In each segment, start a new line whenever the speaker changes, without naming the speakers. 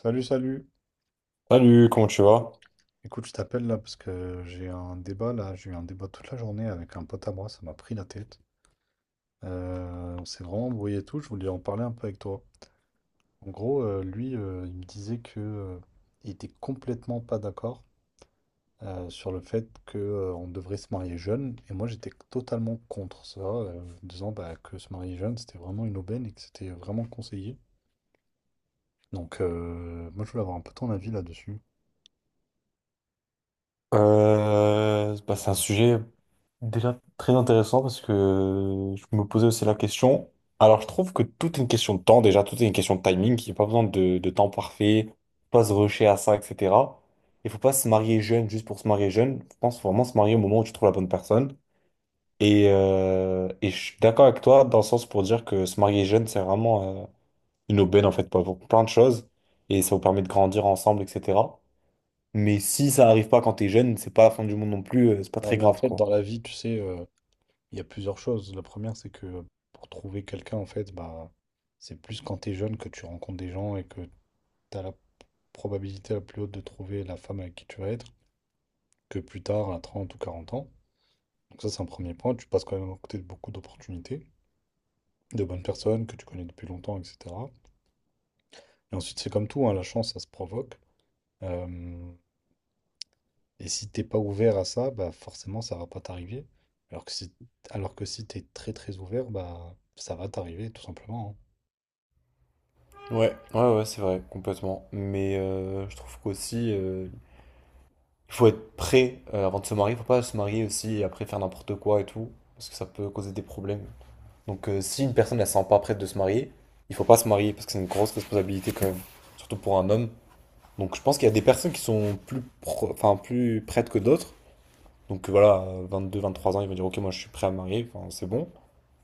Salut, salut.
Salut, comment tu vas?
Écoute, je t'appelle là parce que j'ai un débat là. J'ai eu un débat toute la journée avec un pote à moi. Ça m'a pris la tête. On s'est vraiment embrouillé et tout. Je voulais en parler un peu avec toi. En gros, lui, il me disait que il était complètement pas d'accord sur le fait que on devrait se marier jeune. Et moi, j'étais totalement contre ça, en disant bah, que se marier jeune, c'était vraiment une aubaine et que c'était vraiment conseillé. Donc, moi, je voulais avoir un peu ton avis là-dessus.
Bah, c'est un sujet déjà très intéressant parce que je me posais aussi la question. Alors, je trouve que tout est une question de temps, déjà, tout est une question de timing. Il n'y a pas besoin de temps parfait, faut pas se rusher à ça, etc. Il faut pas se marier jeune juste pour se marier jeune. Je pense faut vraiment se marier au moment où tu trouves la bonne personne. Et je suis d'accord avec toi dans le sens pour dire que se marier jeune, c'est vraiment une aubaine en fait pour plein de choses et ça vous permet de grandir ensemble, etc. Mais si ça arrive pas quand t'es jeune, c'est pas la fin du monde non plus, c'est pas
Ouais,
très
mais en
grave
fait,
quoi.
dans la vie, tu sais, il y a plusieurs choses. La première, c'est que pour trouver quelqu'un, en fait, bah, c'est plus quand tu es jeune que tu rencontres des gens et que tu as la probabilité la plus haute de trouver la femme avec qui tu vas être que plus tard, à 30 ou 40 ans. Donc ça, c'est un premier point. Tu passes quand même à côté de beaucoup d'opportunités, de bonnes personnes que tu connais depuis longtemps, etc. Et ensuite, c'est comme tout, hein, la chance, ça se provoque. Euh, et si t'es pas ouvert à ça, bah forcément, ça va pas t'arriver. Alors que si, alors que si t'es très très ouvert, bah ça va t'arriver, tout simplement, hein.
Ouais, ouais, ouais, c'est vrai, complètement. Mais je trouve qu'aussi, il faut être prêt avant de se marier. Faut pas se marier aussi et après faire n'importe quoi et tout, parce que ça peut causer des problèmes. Donc si une personne elle se sent pas prête de se marier, il faut pas se marier parce que c'est une grosse responsabilité quand même, surtout pour un homme. Donc je pense qu'il y a des personnes qui sont plus, enfin plus prêtes que d'autres. Donc voilà, 22, 23 ans, ils vont dire ok, moi je suis prêt à me marier, enfin c'est bon.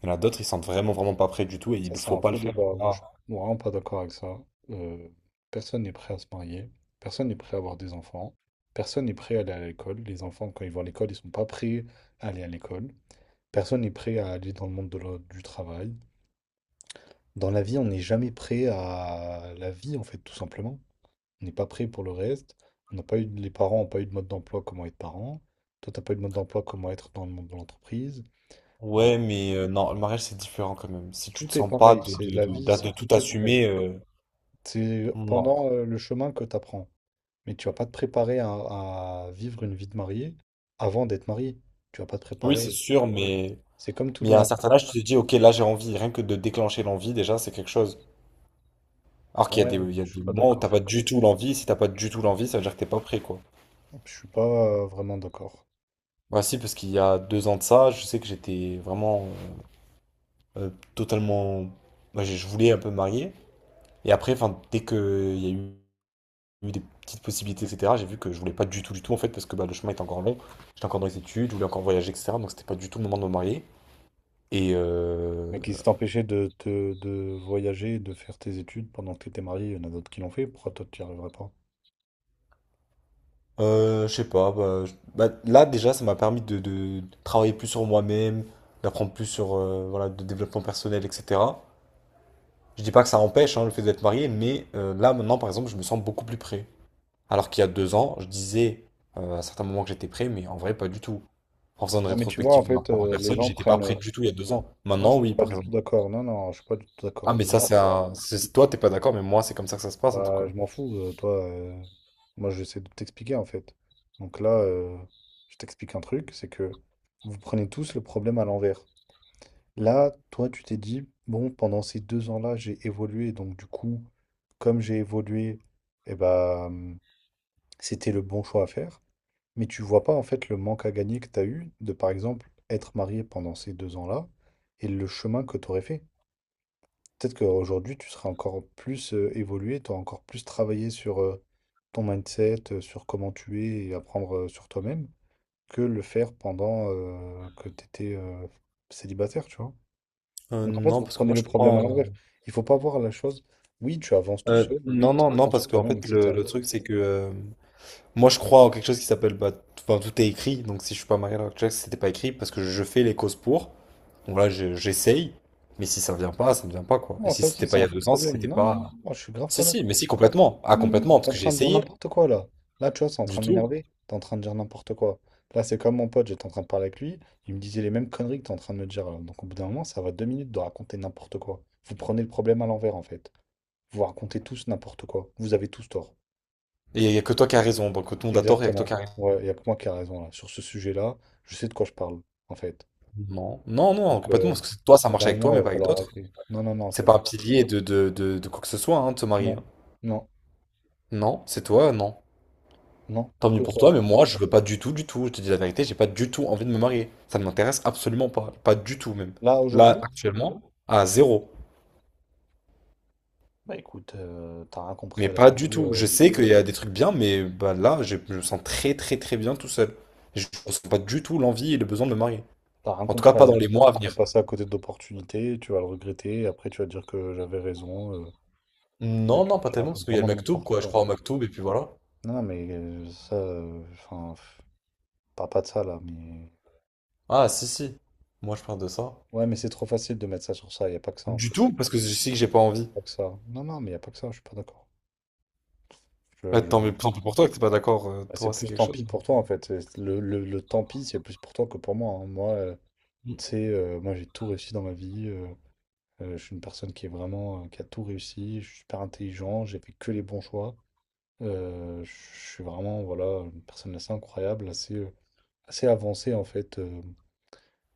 Il y en a d'autres, ils sentent vraiment, vraiment pas prêts du tout et il
Ça,
ne
c'est
faut
un
pas le
faux
faire.
débat. Moi, je
Ah.
suis vraiment pas d'accord avec ça. Euh, Personne n'est prêt à se marier. Personne n'est prêt à avoir des enfants. Personne n'est prêt à aller à l'école. Les enfants, quand ils vont à l'école, ils sont pas prêts à aller à l'école. Personne n'est prêt à aller dans le monde de du travail. Dans la vie, on n'est jamais prêt à la vie, en fait, tout simplement. On n'est pas prêt pour le reste. On n'a pas eu, les parents n'ont pas eu de mode d'emploi comment être parent. Toi, t'as pas eu de mode d'emploi comment être dans le monde de l'entreprise. On a-
Ouais, mais non, le mariage, c'est différent quand même. Si tu te
Tout est
sens pas
pareil.
de,
C'est
de,
la
de,
vie,
d'a-
c'est
de tout
tout est pareil.
assumer,
C'est
non.
pendant le chemin que tu apprends. Mais tu vas pas te préparer à vivre une vie de marié avant d'être marié. Tu vas pas te
Oui,
préparer.
c'est sûr, mais,
C'est comme tout
mais
dans
à un
la vie.
certain âge, tu te dis, ok, là, j'ai envie. Rien que de déclencher l'envie, déjà, c'est quelque chose. Alors qu'il y a des,
Ouais, je suis pas
moments où
d'accord.
t'as pas du tout l'envie. Si t'as pas du tout l'envie, ça veut dire que t'es pas prêt, quoi.
Je suis pas vraiment d'accord.
Bah si, parce qu'il y a deux ans de ça, je sais que j'étais vraiment euh, euh, totalement. Moi, je voulais un peu me marier. Et après, enfin, dès qu'il y a eu des petites possibilités, etc. J'ai vu que je voulais pas du tout, du tout, en fait, parce que bah, le chemin était encore long. J'étais encore dans les études, je voulais encore voyager, etc. Donc c'était pas du tout le moment de me marier. Et
Mais qui t'empêchait de voyager, et de faire tes études pendant que tu étais marié, il y en a d'autres qui l'ont fait. Pourquoi toi, tu n'y arriverais pas?
je sais pas, bah, bah, là déjà, ça m'a permis de travailler plus sur moi-même, d'apprendre plus sur voilà, de développement personnel, etc. Je dis pas que ça empêche hein, le fait d'être marié, mais là maintenant, par exemple, je me sens beaucoup plus prêt. Alors qu'il y a deux ans, je disais à certains moments que j'étais prêt, mais en vrai, pas du tout. En faisant une
Non, mais tu vois,
rétrospective
en
de ma
fait,
propre
les
personne,
gens
j'étais pas
prennent.
prêt du tout il y a deux ans.
Moi,
Maintenant,
je suis
oui,
pas
par
du
exemple.
tout d'accord. Non, non, je suis pas du tout
Ah,
d'accord.
mais
Les
ça,
gens,
toi, t'es pas d'accord, mais moi, c'est comme ça que ça se passe, en tout
bah,
cas.
je m'en fous. Toi, moi, j'essaie de t'expliquer en fait. Donc là, je t'explique un truc, c'est que vous prenez tous le problème à l'envers. Là, toi, tu t'es dit, bon, pendant ces 2 ans-là, j'ai évolué. Donc du coup, comme j'ai évolué, eh bah, c'était le bon choix à faire. Mais tu vois pas en fait le manque à gagner que tu as eu de, par exemple, être marié pendant ces 2 ans-là et le chemin que tu aurais fait. Peut-être qu'aujourd'hui, tu seras encore plus évolué, tu auras encore plus travaillé sur ton mindset, sur comment tu es et apprendre sur toi-même, que le faire pendant que tu étais célibataire, tu vois.
Euh,
Donc en fait,
non,
vous
parce que
prenez
moi, je
le
crois
problème à l'envers.
en.
Il faut pas voir la chose, oui, tu avances tout
euh,
seul, oui,
non,
tu
non, non,
apprends sur
parce qu'en
toi-même,
fait, le,
etc.
le truc, c'est que. Moi, je crois en quelque chose qui s'appelle. Bah, enfin, tout est écrit. Donc, si je suis pas marié à l'heure actuelle, c'était pas écrit, parce que je fais les causes pour. Donc là, j'essaye. Mais si ça vient pas, ça ne vient pas, quoi. Et
Non,
si
ça
c'était
aussi,
pas
c'est
il y
un
a
faux
deux ans, c'est que
problème.
c'était
Non, non,
pas.
non, je suis grave
Si,
pas
si, mais
d'accord.
si, complètement. Ah,
Non, non, non,
complètement, parce
t'es en
que j'ai
train de dire
essayé.
n'importe quoi là. Là, tu vois, c'est en
Du
train de
tout.
m'énerver. T'es en train de dire n'importe quoi. Là, c'est comme mon pote, j'étais en train de parler avec lui. Il me disait les mêmes conneries que t'es en train de me dire, là. Donc, au bout d'un moment, ça va 2 minutes de raconter n'importe quoi. Vous prenez le problème à l'envers, en fait. Vous racontez tous n'importe quoi. Vous avez tous tort.
Et il n'y a que toi qui as raison, donc tout le monde a tort, il n'y a que toi
Exactement.
qui as raison.
Ouais, il n'y a que moi qui ai raison là. Sur ce sujet-là, je sais de quoi je parle, en fait.
Non, non, non,
Donc,
complètement, parce que c'est toi, ça
au bout
marche
d'un
avec toi,
moment, il
mais
va
pas avec
falloir
d'autres.
arrêter. Non, non, non,
C'est
c'est
pas un
bon.
pilier de quoi que ce soit, hein, de se marier,
Non,
hein.
non,
Non, c'est toi, non.
non,
Tant mieux
que
pour toi,
toi.
mais moi, je veux pas du tout, du tout. Je te dis la vérité, j'ai pas du tout envie de me marier. Ça ne m'intéresse absolument pas. Pas du tout, même.
Là,
Là,
aujourd'hui?
actuellement, à zéro.
Bah écoute, t'as rien compris
Mais
à la
pas du
vie.
tout. Je sais qu'il y a des trucs bien, mais bah, là, je me sens très, très, très bien tout seul. Je ne ressens pas du tout l'envie et le besoin de me marier.
T'as rien
En tout cas,
compris à
pas
la
dans les
vie,
mois à
tu vas
venir.
passer à côté d'opportunités, tu vas le regretter, et après tu vas dire que j'avais raison, tu,
Non,
tu-
non, pas
tu
tellement, parce
racontes
qu'il y a le
vraiment
Maktoub,
n'importe
quoi. Je
quoi en
crois au
fait.
Maktoub, et puis voilà.
Non, non, mais ça, enfin, parle pas de ça là, mais...
Ah, si, si. Moi, je parle de ça.
Ouais, mais c'est trop facile de mettre ça sur ça, y a pas que ça en
Du
fait.
tout, parce que je sais que j'ai pas envie.
Pas que ça. Non, non, mais y a pas que ça, je suis pas d'accord. Je-
Bah, tant
je-
mieux tant pis pour toi que t'es pas d'accord. euh,
Bah, c'est
toi, c'est
plus
quelque
tant pis
chose.
pour toi en fait, le tant pis c'est plus pour toi que pour moi, hein. Moi, tu
Mm.
sais, moi j'ai tout réussi dans ma vie, je suis une personne qui est vraiment, qui a tout réussi, je suis super intelligent, j'ai fait que les bons choix. Je suis vraiment voilà, une personne assez incroyable, assez avancée en fait,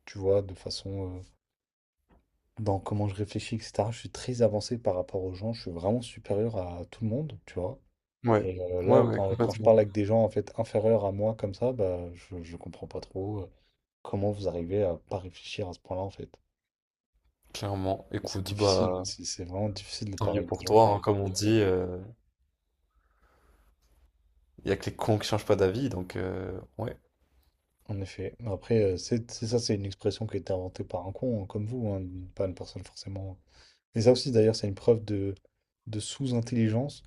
tu vois, de façon dans comment je réfléchis, etc. Je suis très avancé par rapport aux gens, je suis vraiment supérieur à tout le monde, tu vois.
Ouais.
Et
Ouais,
là,
ouais,
quand je
complètement.
parle avec des gens en fait inférieurs à moi comme ça, bah, je comprends pas trop comment vous arrivez à pas réfléchir à ce point-là en fait.
Clairement.
Mais c'est
Écoute,
difficile, hein,
bah,
c'est vraiment difficile de
tant
parler
mieux
avec des
pour
gens
toi,
comme
hein. Comme on
comme vous.
dit, il y a que les cons qui changent pas d'avis, donc, ouais.
En effet. Mais après, c'est ça, c'est une expression qui a été inventée par un con, hein, comme vous, hein, pas une personne forcément. Et ça aussi, d'ailleurs, c'est une preuve de sous-intelligence,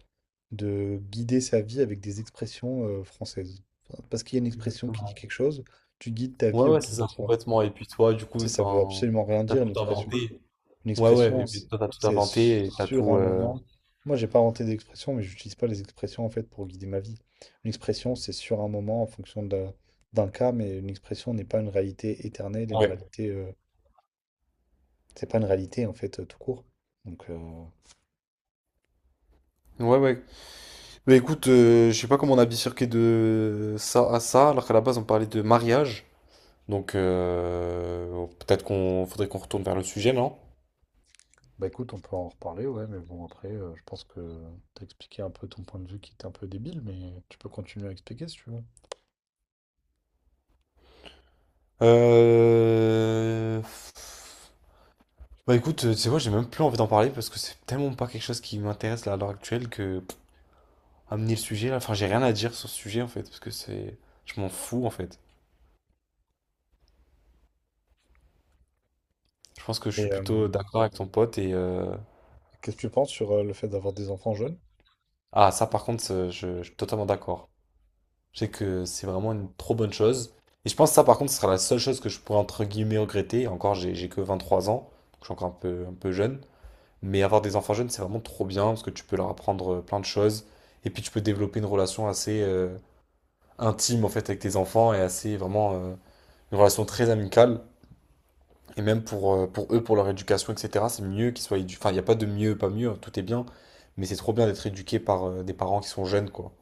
de guider sa vie avec des expressions françaises. Enfin, parce qu'il y a une expression qui dit
Exactement.
quelque chose, tu guides ta vie
Ouais, ouais, c'est
autour de
ça,
ça.
complètement. Et puis toi, du coup,
Tu sais, ça veut
enfin,
absolument rien
t'as
dire, une
tout
expression.
inventé.
Une
Ouais, ouais,
expression,
et puis toi, t'as tout
c'est
inventé et t'as
sur
tout.
un moment. Moi, j'ai pas inventé d'expression, mais j'utilise pas les expressions en fait pour guider ma vie. Une expression, c'est sur un moment en fonction d'un cas, mais une expression n'est pas une réalité éternelle, et une
Ouais.
réalité, c'est pas une réalité en fait tout court. Donc,
Ouais, ouais. Mais écoute, je sais pas comment on a bifurqué de ça à ça, alors qu'à la base on parlait de mariage. Donc peut-être qu'on faudrait qu'on retourne vers le sujet, non?
bah écoute, on peut en reparler, ouais, mais bon après, je pense que t'as expliqué un peu ton point de vue qui était un peu débile, mais tu peux continuer à expliquer si tu veux.
Euh... Bah écoute, tu sais quoi, j'ai même plus envie d'en parler parce que c'est tellement pas quelque chose qui m'intéresse là à l'heure actuelle que amener le sujet là, enfin j'ai rien à dire sur ce sujet en fait, parce que c'est. Je m'en fous en fait. Je pense que je suis
Et euh,
plutôt d'accord avec ton pote et.
Qu'est-ce que tu penses sur le fait d'avoir des enfants jeunes?
Ah ça par contre, je suis totalement d'accord. Je sais que c'est vraiment une trop bonne chose. Et je pense que ça, par contre, ce sera la seule chose que je pourrais entre guillemets regretter. Et encore, j'ai que 23 ans, donc je suis encore un peu jeune. Mais avoir des enfants jeunes, c'est vraiment trop bien parce que tu peux leur apprendre plein de choses. Et puis tu peux développer une relation assez intime en fait avec tes enfants et assez vraiment une relation très amicale. Et même pour eux, pour leur éducation, etc., c'est mieux qu'ils soient éduqués. Enfin, il n'y a pas de mieux, pas mieux, hein, tout est bien. Mais c'est trop bien d'être éduqué par des parents qui sont jeunes, quoi.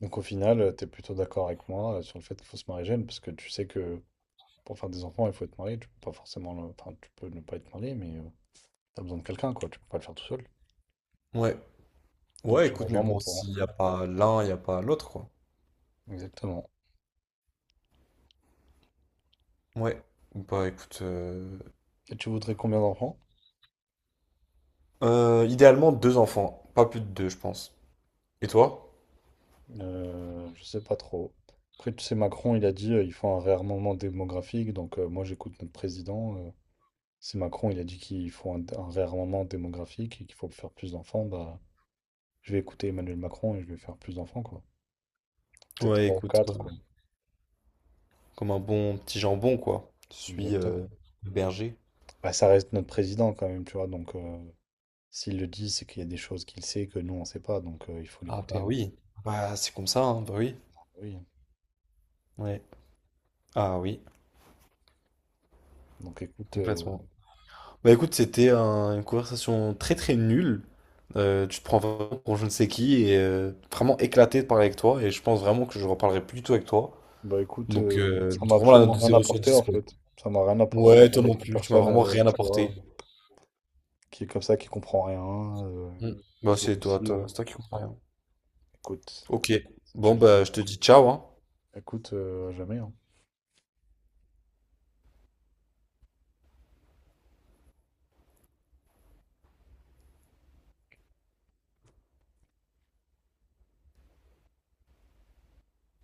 Donc au final, t'es plutôt d'accord avec moi sur le fait qu'il faut se marier jeune, parce que tu sais que pour faire des enfants, il faut être marié. Tu peux pas forcément, enfin, tu peux ne pas être marié, mais t'as besoin de quelqu'un, quoi. Tu peux pas le faire tout seul.
Ouais.
Donc
Ouais,
tu
écoute, mais
rejoins mon
bon,
point.
s'il n'y a pas l'un, il n'y a pas l'autre, quoi.
Exactement.
Ouais. Bah écoute,
Et tu voudrais combien d'enfants?
idéalement deux enfants, pas plus de deux, je pense. Et toi?
Je sais pas trop. Après, tu sais, Macron, il a dit ils font un réarmement démographique. Donc, moi, j'écoute notre président. Si Macron, il a dit qu'ils font un réarmement démographique et qu'il faut faire plus d'enfants, bah, je vais écouter Emmanuel Macron et je vais faire plus d'enfants, quoi. Peut-être
Ouais,
trois ou
écoute,
quatre, quoi.
comme un bon petit jambon, quoi. Je suis
Exactement.
berger.
Bah, ça reste notre président, quand même, tu vois. Donc, s'il le dit, c'est qu'il y a des choses qu'il sait que nous, on sait pas. Donc, il faut
Ah
l'écouter,
bah
hein.
oui. Bah c'est comme ça, hein, bah oui.
Oui, hein.
Ouais. Ah oui,
Donc, écoute,
complètement. Bah écoute, c'était une conversation très très nulle. Tu te prends vraiment pour je ne sais qui et vraiment éclaté de parler avec toi et je pense vraiment que je reparlerai plus du tout avec toi.
bah écoute,
Donc,
ça m'a
vraiment la note
absolument
de
rien
zéro sur
apporté
10
en
quoi.
fait. Ça m'a rien apporté de
Ouais, toi
parler
non
avec une
plus, tu m'as
personne,
vraiment rien
tu
apporté.
vois, qui est comme ça, qui comprend rien,
Hmm. Bah,
qui est
c'est toi,
aussi,
toi, c'est toi qui comprends rien.
écoute,
Ok,
si tu
bon,
le dis,
bah, je te dis ciao, hein.
écoute, à jamais, hein.